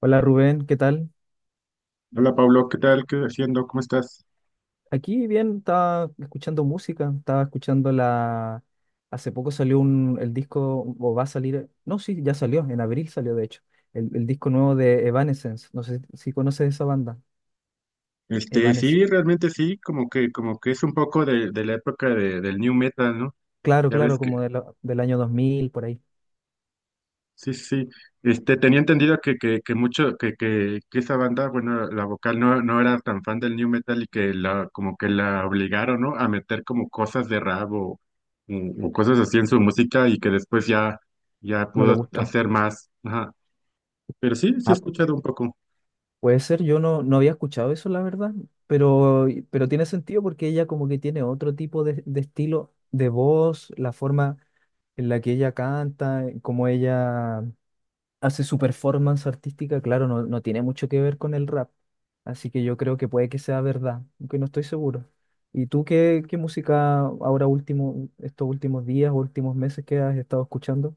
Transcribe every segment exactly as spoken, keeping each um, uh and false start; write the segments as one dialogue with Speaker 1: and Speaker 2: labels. Speaker 1: Hola Rubén, ¿qué tal?
Speaker 2: Hola Pablo, ¿qué tal? ¿Qué haciendo? ¿Cómo estás?
Speaker 1: Aquí bien, estaba escuchando música, estaba escuchando la... Hace poco salió un, el disco, o va a salir, no, sí, ya salió, en abril salió de hecho, el, el disco nuevo de Evanescence, no sé si conoces esa banda,
Speaker 2: Este,
Speaker 1: Evanescence,
Speaker 2: sí, realmente sí, como que, como que es un poco de, de la época de- del new metal, ¿no?
Speaker 1: claro,
Speaker 2: Ya
Speaker 1: claro,
Speaker 2: ves que,
Speaker 1: como de la- del año dos mil por ahí,
Speaker 2: sí, sí, sí. Este, tenía entendido que, que, que mucho, que, que, que esa banda, bueno, la vocal no, no era tan fan del new metal y que la, como que la obligaron, ¿no? A meter como cosas de rap o, o- o cosas así en su música y que después ya, ya
Speaker 1: no le
Speaker 2: pudo
Speaker 1: gustó.
Speaker 2: hacer más. Ajá. Pero sí, sí he
Speaker 1: Ah,
Speaker 2: escuchado un poco.
Speaker 1: puede ser, yo no, no había escuchado eso, la verdad, pero, pero tiene sentido porque ella como que tiene otro tipo de, de estilo de voz, la forma en la que ella canta, como ella hace su performance artística, claro, no, no tiene mucho que ver con el rap. Así que yo creo que puede que sea verdad, aunque no estoy seguro. ¿Y tú qué, qué música ahora último, estos últimos días, últimos meses que has estado escuchando?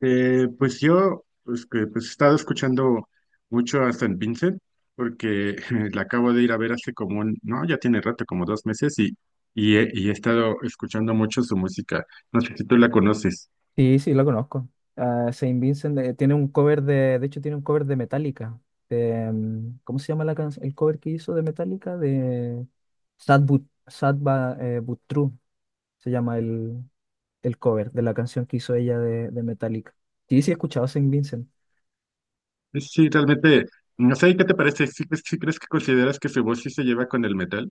Speaker 2: Eh, pues yo pues, que, pues, he estado escuchando mucho a San Vincent porque la acabo de ir a ver hace como un, no, ya tiene rato, como dos meses y, y, he, y he estado escuchando mucho su música. No sé si tú la conoces.
Speaker 1: Sí, sí, lo conozco. Ah, Saint Vincent eh, tiene un cover de, de hecho tiene un cover de Metallica. De, mm, ¿cómo se llama la canción? ¿El cover que hizo de Metallica? De Sad But, Sad Ba- eh, But True, se llama el, el cover de la canción que hizo ella de, de Metallica. Sí, sí, he escuchado Saint Vincent.
Speaker 2: Sí, realmente, no sé, ¿qué te parece? ¿Sí, crees sí crees que consideras que su voz sí se lleva con el metal?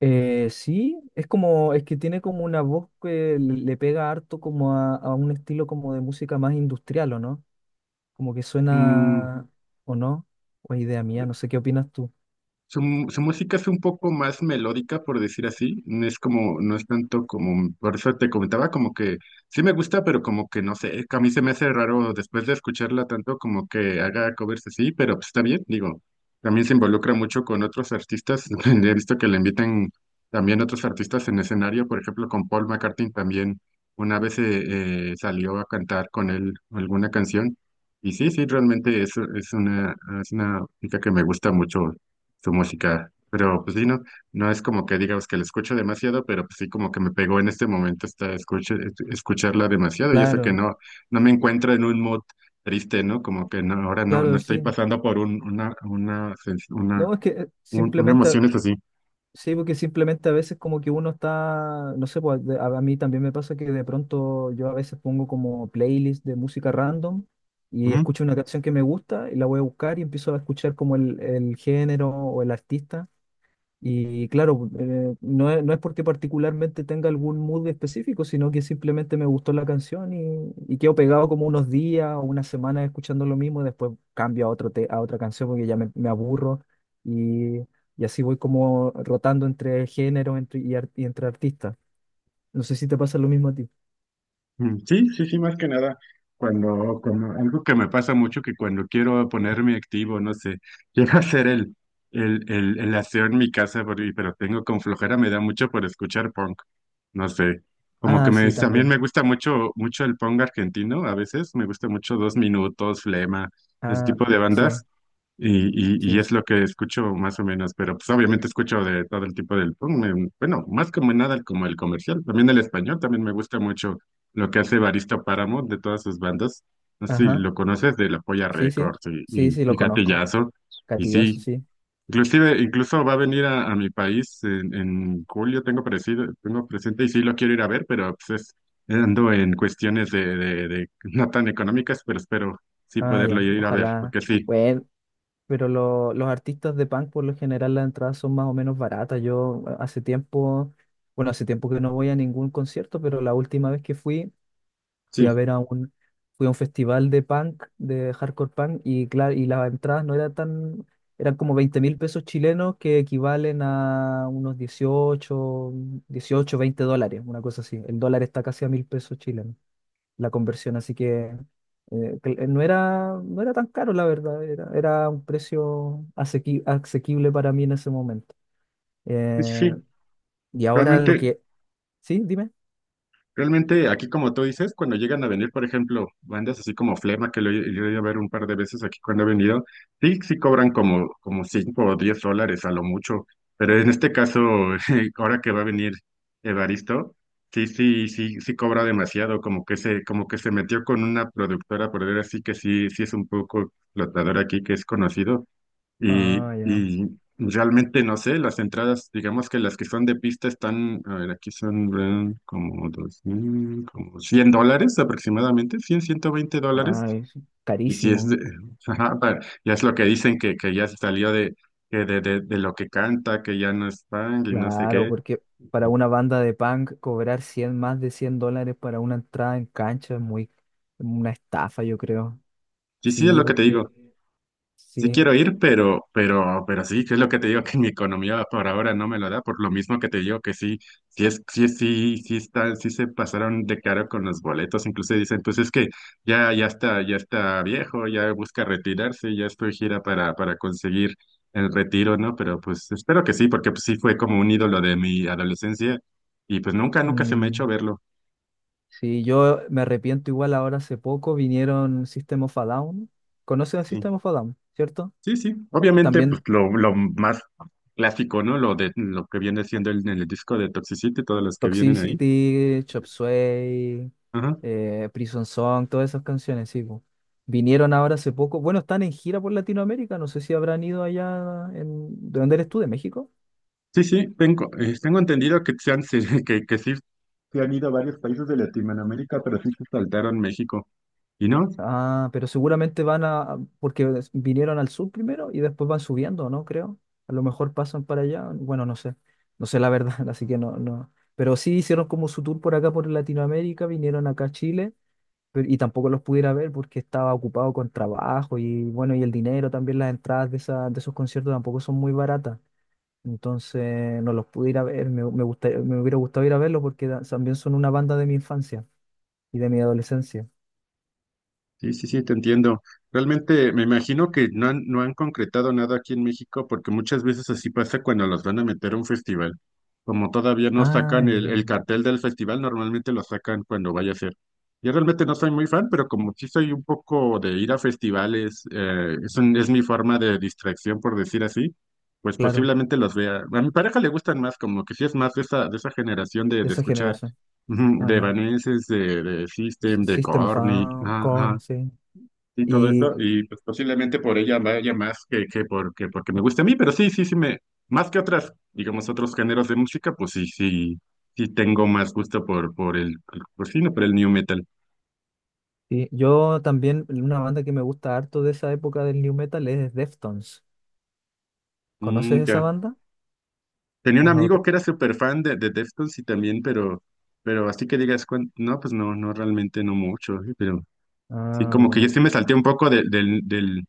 Speaker 1: Eh, sí, es como, es que tiene como una voz que le, le pega harto como a, a un estilo como de música más industrial, ¿o no? Como que
Speaker 2: Mm.
Speaker 1: suena, ¿o no? O es idea mía, no sé qué opinas tú.
Speaker 2: Su, mu- su música es un poco más melódica, por decir así. No es como, no es tanto como, por eso te comentaba, como que sí me gusta, pero como que no sé, a mí se me hace raro después de escucharla tanto como que haga covers así, pero pues está bien, digo, también se involucra mucho con otros artistas. He visto que le invitan también otros artistas en escenario, por ejemplo, con Paul McCartney también una vez eh, eh, salió a cantar con él alguna canción. Y sí, sí, realmente es, es una, es una música que me gusta mucho su música. Pero pues sí, no, no es como que digamos que la escucho demasiado, pero pues sí como que me pegó en este momento esta escucha, escucharla demasiado y eso que
Speaker 1: Claro,
Speaker 2: no, no me encuentro en un mood triste, ¿no? Como que no, ahora no, no
Speaker 1: claro,
Speaker 2: estoy
Speaker 1: sí.
Speaker 2: pasando por un, una, una, sens- una,
Speaker 1: No, es que eh,
Speaker 2: un- una
Speaker 1: simplemente, a-
Speaker 2: emoción es así.
Speaker 1: sí, porque simplemente a veces como que uno está, no sé, pues de- a, a mí también me pasa que de pronto yo a veces pongo como playlist de música random y escucho una canción que me gusta y la voy a buscar y empiezo a escuchar como el, el género o el artista. Y claro, eh, no es, no es porque particularmente tenga algún mood específico, sino que simplemente me gustó la canción y, y quedo pegado como unos días o unas semanas escuchando lo mismo, y después cambio a otro te- a otra canción porque ya me, me aburro y, y así voy como rotando entre géneros entre, y, ar- y entre artistas. No sé si te pasa lo mismo a ti.
Speaker 2: Mm. Sí, sí, sí, más que nada, cuando, cuando- algo que me pasa mucho que cuando quiero ponerme activo, no sé, quiero hacer el, el, el, el aseo en mi casa, pero, y- pero tengo con flojera, me da mucho por escuchar punk, no sé, como que
Speaker 1: Ah,
Speaker 2: me,
Speaker 1: sí,
Speaker 2: también me
Speaker 1: también.
Speaker 2: gusta mucho, mucho el punk argentino, a veces me gusta mucho Dos Minutos, Flema, ese
Speaker 1: Ah,
Speaker 2: tipo de
Speaker 1: sí,
Speaker 2: bandas, y, y, y
Speaker 1: sí. Sí.
Speaker 2: es lo que escucho más o menos, pero pues obviamente escucho de todo el tipo del punk, em, bueno, más como nada como el comercial, también el español, también me gusta mucho lo que hace Evaristo Páramo de todas sus bandas, no sé si
Speaker 1: Ajá,
Speaker 2: lo conoces de La Polla
Speaker 1: sí, sí.
Speaker 2: Records y,
Speaker 1: Sí,
Speaker 2: y,
Speaker 1: sí,
Speaker 2: y
Speaker 1: lo conozco.
Speaker 2: Gatillazo, y
Speaker 1: Gatillazo,
Speaker 2: sí,
Speaker 1: sí.
Speaker 2: inclusive, incluso va a venir a, a mi país en, en julio, tengo parecido, tengo presente y sí lo quiero ir a ver, pero pues es, ando en cuestiones de, de, de no tan económicas, pero espero sí
Speaker 1: Ah,
Speaker 2: poderlo
Speaker 1: ya.
Speaker 2: ir a ver,
Speaker 1: Ojalá.
Speaker 2: porque sí,
Speaker 1: Bueno. Pero lo- los artistas de punk, por lo general, las entradas son más o menos baratas. Yo eh, hace tiempo, bueno, hace tiempo que no voy a ningún concierto, pero la última vez que fui, fui a
Speaker 2: sí.
Speaker 1: ver a un, fui a un festival de punk, de hardcore punk, y claro, y las entradas no eran tan, eran como veinte mil pesos chilenos que equivalen a unos dieciocho dieciocho veinte dólares, una cosa así. El dólar está casi a mil pesos chilenos la conversión, así que eh, que eh, no era, no era tan caro, la verdad, era, era un precio asequi- asequible para mí en ese momento.
Speaker 2: Sí,
Speaker 1: Eh,
Speaker 2: sí,
Speaker 1: y ahora lo
Speaker 2: Realmente,
Speaker 1: que... Sí, dime.
Speaker 2: realmente aquí como tú dices, cuando llegan a venir, por ejemplo, bandas así como Flema, que lo he lo he ido a ver un par de veces aquí cuando he venido, sí, sí cobran como, como, cinco o diez dólares a lo mucho, pero en este caso, ahora que va a venir Evaristo, sí, sí, sí, sí cobra demasiado, como que se, como que se metió con una productora, por decir así, que sí, sí es un poco explotadora aquí, que es conocido, y,
Speaker 1: Ah, ya.
Speaker 2: y realmente no sé, las entradas, digamos que las que son de pista están, a ver, aquí son eh, como dos mil, como cien dólares aproximadamente, cien ciento veinte dólares.
Speaker 1: Ah, es
Speaker 2: Y si es de,
Speaker 1: carísimo.
Speaker 2: ajá, pa- ya es lo que dicen que, que ya se salió de, que de, de, de lo que canta, que ya no es punk y no sé
Speaker 1: Claro,
Speaker 2: qué.
Speaker 1: porque para una banda de punk cobrar cien más de cien dólares para una entrada en cancha es muy, una estafa, yo creo.
Speaker 2: Y sí, es
Speaker 1: Sí,
Speaker 2: lo que te
Speaker 1: porque
Speaker 2: digo. Sí
Speaker 1: sí.
Speaker 2: quiero ir, pero, pero, pero sí, que es lo que te digo que mi economía por ahora no me lo da, por lo mismo que te digo que sí, sí es, sí, es- sí, sí está, sí se pasaron de caro con los boletos, incluso dicen, pues es que ya, ya está, ya está viejo, ya busca retirarse, ya estoy gira para, para conseguir el retiro, ¿no? Pero pues espero que sí, porque pues sí fue como un ídolo de mi adolescencia y pues nunca, nunca se me ha hecho
Speaker 1: Mm,
Speaker 2: verlo.
Speaker 1: Sí, yo me arrepiento igual ahora hace poco vinieron System of a Down. ¿Conocen a
Speaker 2: Sí.
Speaker 1: System of a Down, cierto?
Speaker 2: Sí, sí, obviamente, pues
Speaker 1: También
Speaker 2: lo, lo más clásico, ¿no? Lo de lo que viene siendo el, el disco de Toxicity, todas las que vienen ahí.
Speaker 1: Toxicity, Chop Suey,
Speaker 2: Ajá.
Speaker 1: eh, Prison Song, todas esas canciones, sí, po. Vinieron ahora hace poco. Bueno, están en gira por Latinoamérica. No sé si habrán ido allá en... ¿De dónde eres tú? ¿De México?
Speaker 2: Sí, sí, tengo, eh, tengo entendido que se han, que, que sí se han ido a varios países de Latinoamérica, pero sí se saltaron México. Y no,
Speaker 1: Ah, pero seguramente van a, porque des- vinieron al sur primero y después van subiendo, ¿no? Creo. A lo mejor pasan para allá. Bueno, no sé. No sé la verdad, así que no, no. Pero sí hicieron como su tour por acá, por Latinoamérica, vinieron acá a Chile, pero, y tampoco los pudiera ver porque estaba ocupado con trabajo y bueno, y el dinero también, las entradas de, esa, de esos conciertos tampoco son muy baratas. Entonces no los pude ir a ver, me, me gustaría- me hubiera gustado ir a verlos porque da- también son una banda de mi infancia y de mi adolescencia.
Speaker 2: sí, sí, sí, te entiendo. Realmente me imagino que no han, no han concretado nada aquí en México porque muchas veces así pasa cuando los van a meter a un festival. Como todavía no
Speaker 1: Ah,
Speaker 2: sacan el,
Speaker 1: ya.
Speaker 2: el cartel del festival, normalmente lo sacan cuando vaya a ser. Yo realmente no soy muy fan, pero como sí soy un poco de ir a festivales, eh, es, un- es mi forma de distracción, por decir así, pues
Speaker 1: Claro.
Speaker 2: posiblemente los vea. A mi pareja le gustan más, como que sí es más de esa, de esa generación de,
Speaker 1: De
Speaker 2: de
Speaker 1: esa
Speaker 2: escuchar,
Speaker 1: generación.
Speaker 2: ujú,
Speaker 1: Ah,
Speaker 2: de
Speaker 1: ya.
Speaker 2: Evanescence, de, de
Speaker 1: Sí,
Speaker 2: System, de
Speaker 1: System of
Speaker 2: Korn, y-
Speaker 1: a
Speaker 2: ajá,
Speaker 1: Corn,
Speaker 2: ajá.
Speaker 1: sí.
Speaker 2: Y todo eso,
Speaker 1: Y,
Speaker 2: y pues posiblemente por ella vaya más que, que, porque porque me guste a mí, pero sí, sí, sí, me, más que otras, digamos, otros géneros de música, pues sí, sí, sí tengo más gusto por, por el, por, sí, no, por el new metal.
Speaker 1: y yo también, una banda que me gusta harto de esa época del new metal es Deftones. ¿Conoces
Speaker 2: Mm,
Speaker 1: esa
Speaker 2: ya.
Speaker 1: banda?
Speaker 2: Tenía un
Speaker 1: ¿O no?
Speaker 2: amigo
Speaker 1: Te-
Speaker 2: que era súper fan de, de Deftones y también, pero, pero así que digas, cuán- no, pues no, no, realmente no mucho, eh, pero sí,
Speaker 1: Ah,
Speaker 2: como que yo
Speaker 1: bueno.
Speaker 2: sí me salté un poco de- del, del,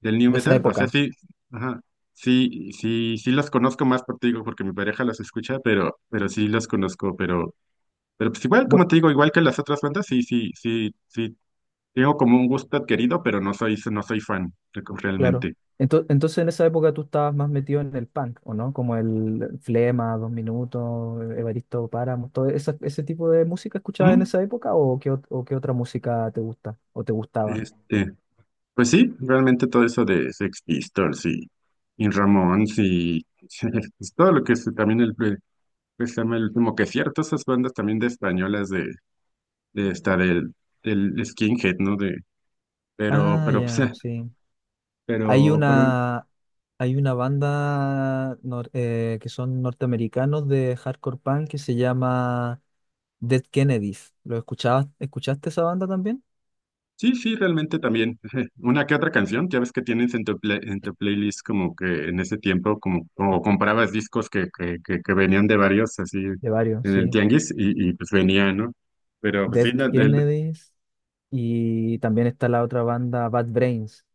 Speaker 2: Del new
Speaker 1: De esa
Speaker 2: metal, o sea,
Speaker 1: época.
Speaker 2: sí, ajá, sí, sí, sí los conozco más por ti, digo, porque mi pareja los escucha, pero, pero sí los conozco, pero, pero pues igual, como
Speaker 1: Bueno,
Speaker 2: te digo, igual que las otras bandas, sí, sí, sí, sí, tengo como un gusto adquirido, pero no soy, no soy fan re-
Speaker 1: claro.
Speaker 2: realmente.
Speaker 1: Ento- Entonces, en esa época tú estabas más metido en el punk, ¿o no? Como el Flema, Dos Minutos, Evaristo Páramo, todo esa- ese tipo de música escuchabas en
Speaker 2: Ujú.
Speaker 1: esa época o qué, ot- ¿o qué otra música te gusta o te gustaba?
Speaker 2: Este, pues sí, realmente todo eso de Sex Pistols y, y Ramones y pues todo lo que es también el, pues, se llama el último que cierto, esas bandas también de españolas de, de esta del, del Skinhead, ¿no? De, Pero,
Speaker 1: Ah,
Speaker 2: pero, pues,
Speaker 1: ya,
Speaker 2: eh,
Speaker 1: sí. Hay
Speaker 2: pero, pero,
Speaker 1: una, hay una banda nor- eh, que son norteamericanos de hardcore punk que se llama Dead Kennedys. ¿Lo escuchabas? ¿Escuchaste esa banda también?
Speaker 2: sí, sí, realmente también. eh, Una que otra canción, ya ves que tienes en tu, play- en tu playlist como que en ese tiempo, como, como comprabas discos que, que, que, que venían de varios, así,
Speaker 1: De varios,
Speaker 2: en el
Speaker 1: sí.
Speaker 2: tianguis, y, y pues venía, ¿no? Pero, pues
Speaker 1: Dead
Speaker 2: sí, no, del-
Speaker 1: Kennedys y también está la otra banda Bad Brains.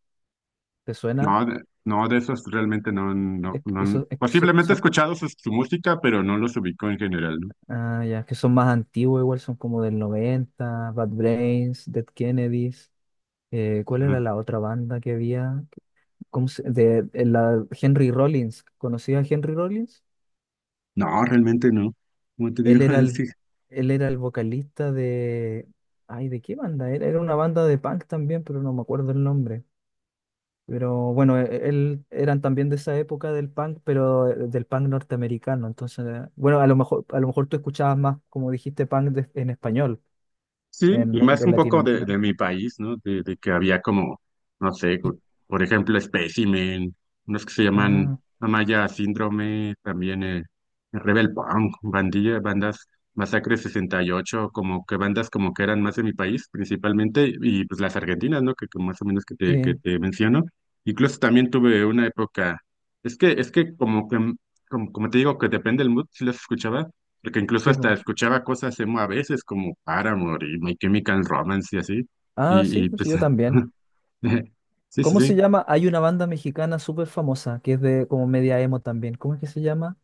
Speaker 1: ¿Te suena?
Speaker 2: no, de, no, de esos realmente no, no,
Speaker 1: Es que
Speaker 2: no,
Speaker 1: eso- es que so-
Speaker 2: posiblemente he
Speaker 1: son,
Speaker 2: escuchado su, su música, pero no los ubico en general, ¿no?
Speaker 1: ah, ya, es que son más antiguos, igual son como del noventa Bad Brains, Dead Kennedys. Eh, ¿cuál
Speaker 2: Ajá.
Speaker 1: era la otra banda que había? ¿Cómo se- de, de la Henry Rollins. ¿Conocías a Henry Rollins?
Speaker 2: No, realmente no. Como te
Speaker 1: Él
Speaker 2: digo,
Speaker 1: era el,
Speaker 2: sí,
Speaker 1: él era el vocalista de... Ay, ¿de qué banda? Era, era una banda de punk también, pero no me acuerdo el nombre. Pero bueno, e- él eran también de esa época del punk, pero eh, del punk norteamericano. Entonces, eh, bueno, a lo mejor, a lo mejor tú escuchabas más, como dijiste, punk de- en español,
Speaker 2: sí,
Speaker 1: en,
Speaker 2: y
Speaker 1: la-
Speaker 2: más
Speaker 1: de
Speaker 2: un poco de,
Speaker 1: Latinoamérica.
Speaker 2: de mi país, ¿no? De, de que había como, no sé, cu- por ejemplo, Specimen, unos que se
Speaker 1: Ah,
Speaker 2: llaman Amaya Síndrome, también eh, Rebel Punk, bandilla, bandas Masacre sesenta y ocho como que bandas como que eran más de mi país principalmente, y pues las argentinas, ¿no? Que, que más o menos que te, que
Speaker 1: sí,
Speaker 2: te menciono. Incluso también tuve una época, es que, es que como que, como, como te digo, que depende del mood, si las escuchaba, porque incluso
Speaker 1: sí,
Speaker 2: hasta
Speaker 1: po.
Speaker 2: escuchaba cosas emo a veces como Paramore y My Chemical Romance y así.
Speaker 1: Ah,
Speaker 2: Y,
Speaker 1: sí,
Speaker 2: y
Speaker 1: pues
Speaker 2: pues,
Speaker 1: yo también.
Speaker 2: sí, sí,
Speaker 1: ¿Cómo
Speaker 2: sí.
Speaker 1: se llama? Hay una banda mexicana súper famosa que es de como media emo también. ¿Cómo es que se llama?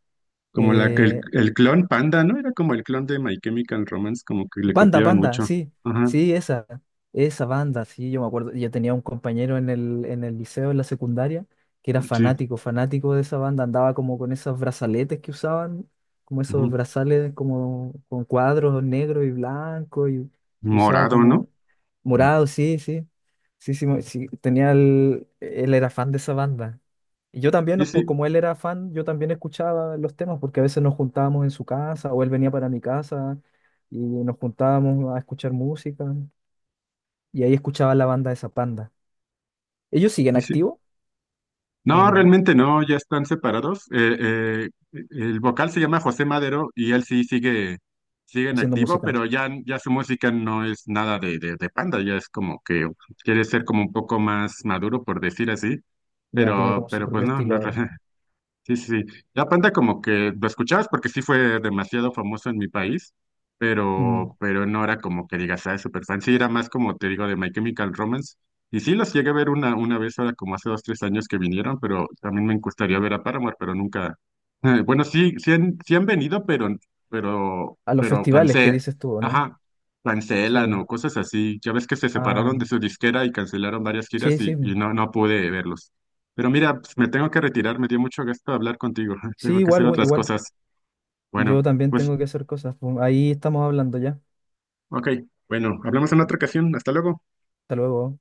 Speaker 2: Como la, que el,
Speaker 1: Eh,
Speaker 2: el clon Panda, ¿no? Era como el clon de My Chemical Romance, como que le
Speaker 1: Panda,
Speaker 2: copiaban
Speaker 1: Panda,
Speaker 2: mucho.
Speaker 1: sí,
Speaker 2: Ajá,
Speaker 1: sí, esa, esa banda, sí, yo me acuerdo, yo tenía un compañero en el, en el liceo, en la secundaria, que era
Speaker 2: sí.
Speaker 1: fanático, fanático de esa banda, andaba como con esos brazaletes que usaban, como esos
Speaker 2: Ujú.
Speaker 1: brazales como con cuadros negro y blanco, y, y usaba
Speaker 2: Morado, ¿no?
Speaker 1: como morado, sí, sí, sí, sí, mo- sí, tenía el, él era fan de esa banda. Y yo también,
Speaker 2: Sí,
Speaker 1: ¿no? Por-
Speaker 2: sí,
Speaker 1: como él era fan, yo también escuchaba los temas, porque a veces nos juntábamos en su casa, o él venía para mi casa y nos juntábamos a escuchar música y ahí escuchaba la banda de Zapanda. ¿Ellos siguen
Speaker 2: sí, sí.
Speaker 1: activos o
Speaker 2: No,
Speaker 1: no
Speaker 2: realmente no, ya están separados. Eh, eh, el vocal se llama José Madero y él sí sigue, sigue en
Speaker 1: haciendo
Speaker 2: activo,
Speaker 1: música?
Speaker 2: pero ya, ya su música no es nada de, de, de Panda, ya es como que quiere ser como un poco más maduro, por decir así,
Speaker 1: Ya tiene
Speaker 2: pero,
Speaker 1: como su
Speaker 2: pero pues
Speaker 1: propio
Speaker 2: no,
Speaker 1: estilo
Speaker 2: no,
Speaker 1: ahora.
Speaker 2: sí, sí, sí. Ya aparte como que lo escuchabas porque sí fue demasiado famoso en mi país,
Speaker 1: Mm.
Speaker 2: pero, pero no era como que digas, ah, es súper fan, sí, era más como te digo de My Chemical Romance, y sí los llegué a ver una, una vez ahora como hace dos, tres años que vinieron, pero también me gustaría ver a Paramore, pero nunca, bueno, sí, sí han, sí han venido, pero, pero,
Speaker 1: A los
Speaker 2: pero
Speaker 1: festivales, ¿qué
Speaker 2: cansé,
Speaker 1: dices tú, o no?
Speaker 2: ajá,
Speaker 1: Sí.
Speaker 2: cancelan o cosas así, ya ves que se
Speaker 1: Ah,
Speaker 2: separaron de su disquera y cancelaron varias giras
Speaker 1: sí,
Speaker 2: y,
Speaker 1: sí.
Speaker 2: y no, no pude verlos. Pero mira, pues, me tengo que retirar, me dio mucho gusto hablar contigo.
Speaker 1: Sí,
Speaker 2: Tengo que hacer
Speaker 1: igual, güey,
Speaker 2: otras
Speaker 1: igual.
Speaker 2: cosas.
Speaker 1: Yo
Speaker 2: Bueno,
Speaker 1: también
Speaker 2: pues,
Speaker 1: tengo que hacer cosas, pues. Ahí estamos hablando ya.
Speaker 2: ok. Bueno, hablamos en otra ocasión. Hasta luego.
Speaker 1: Hasta luego.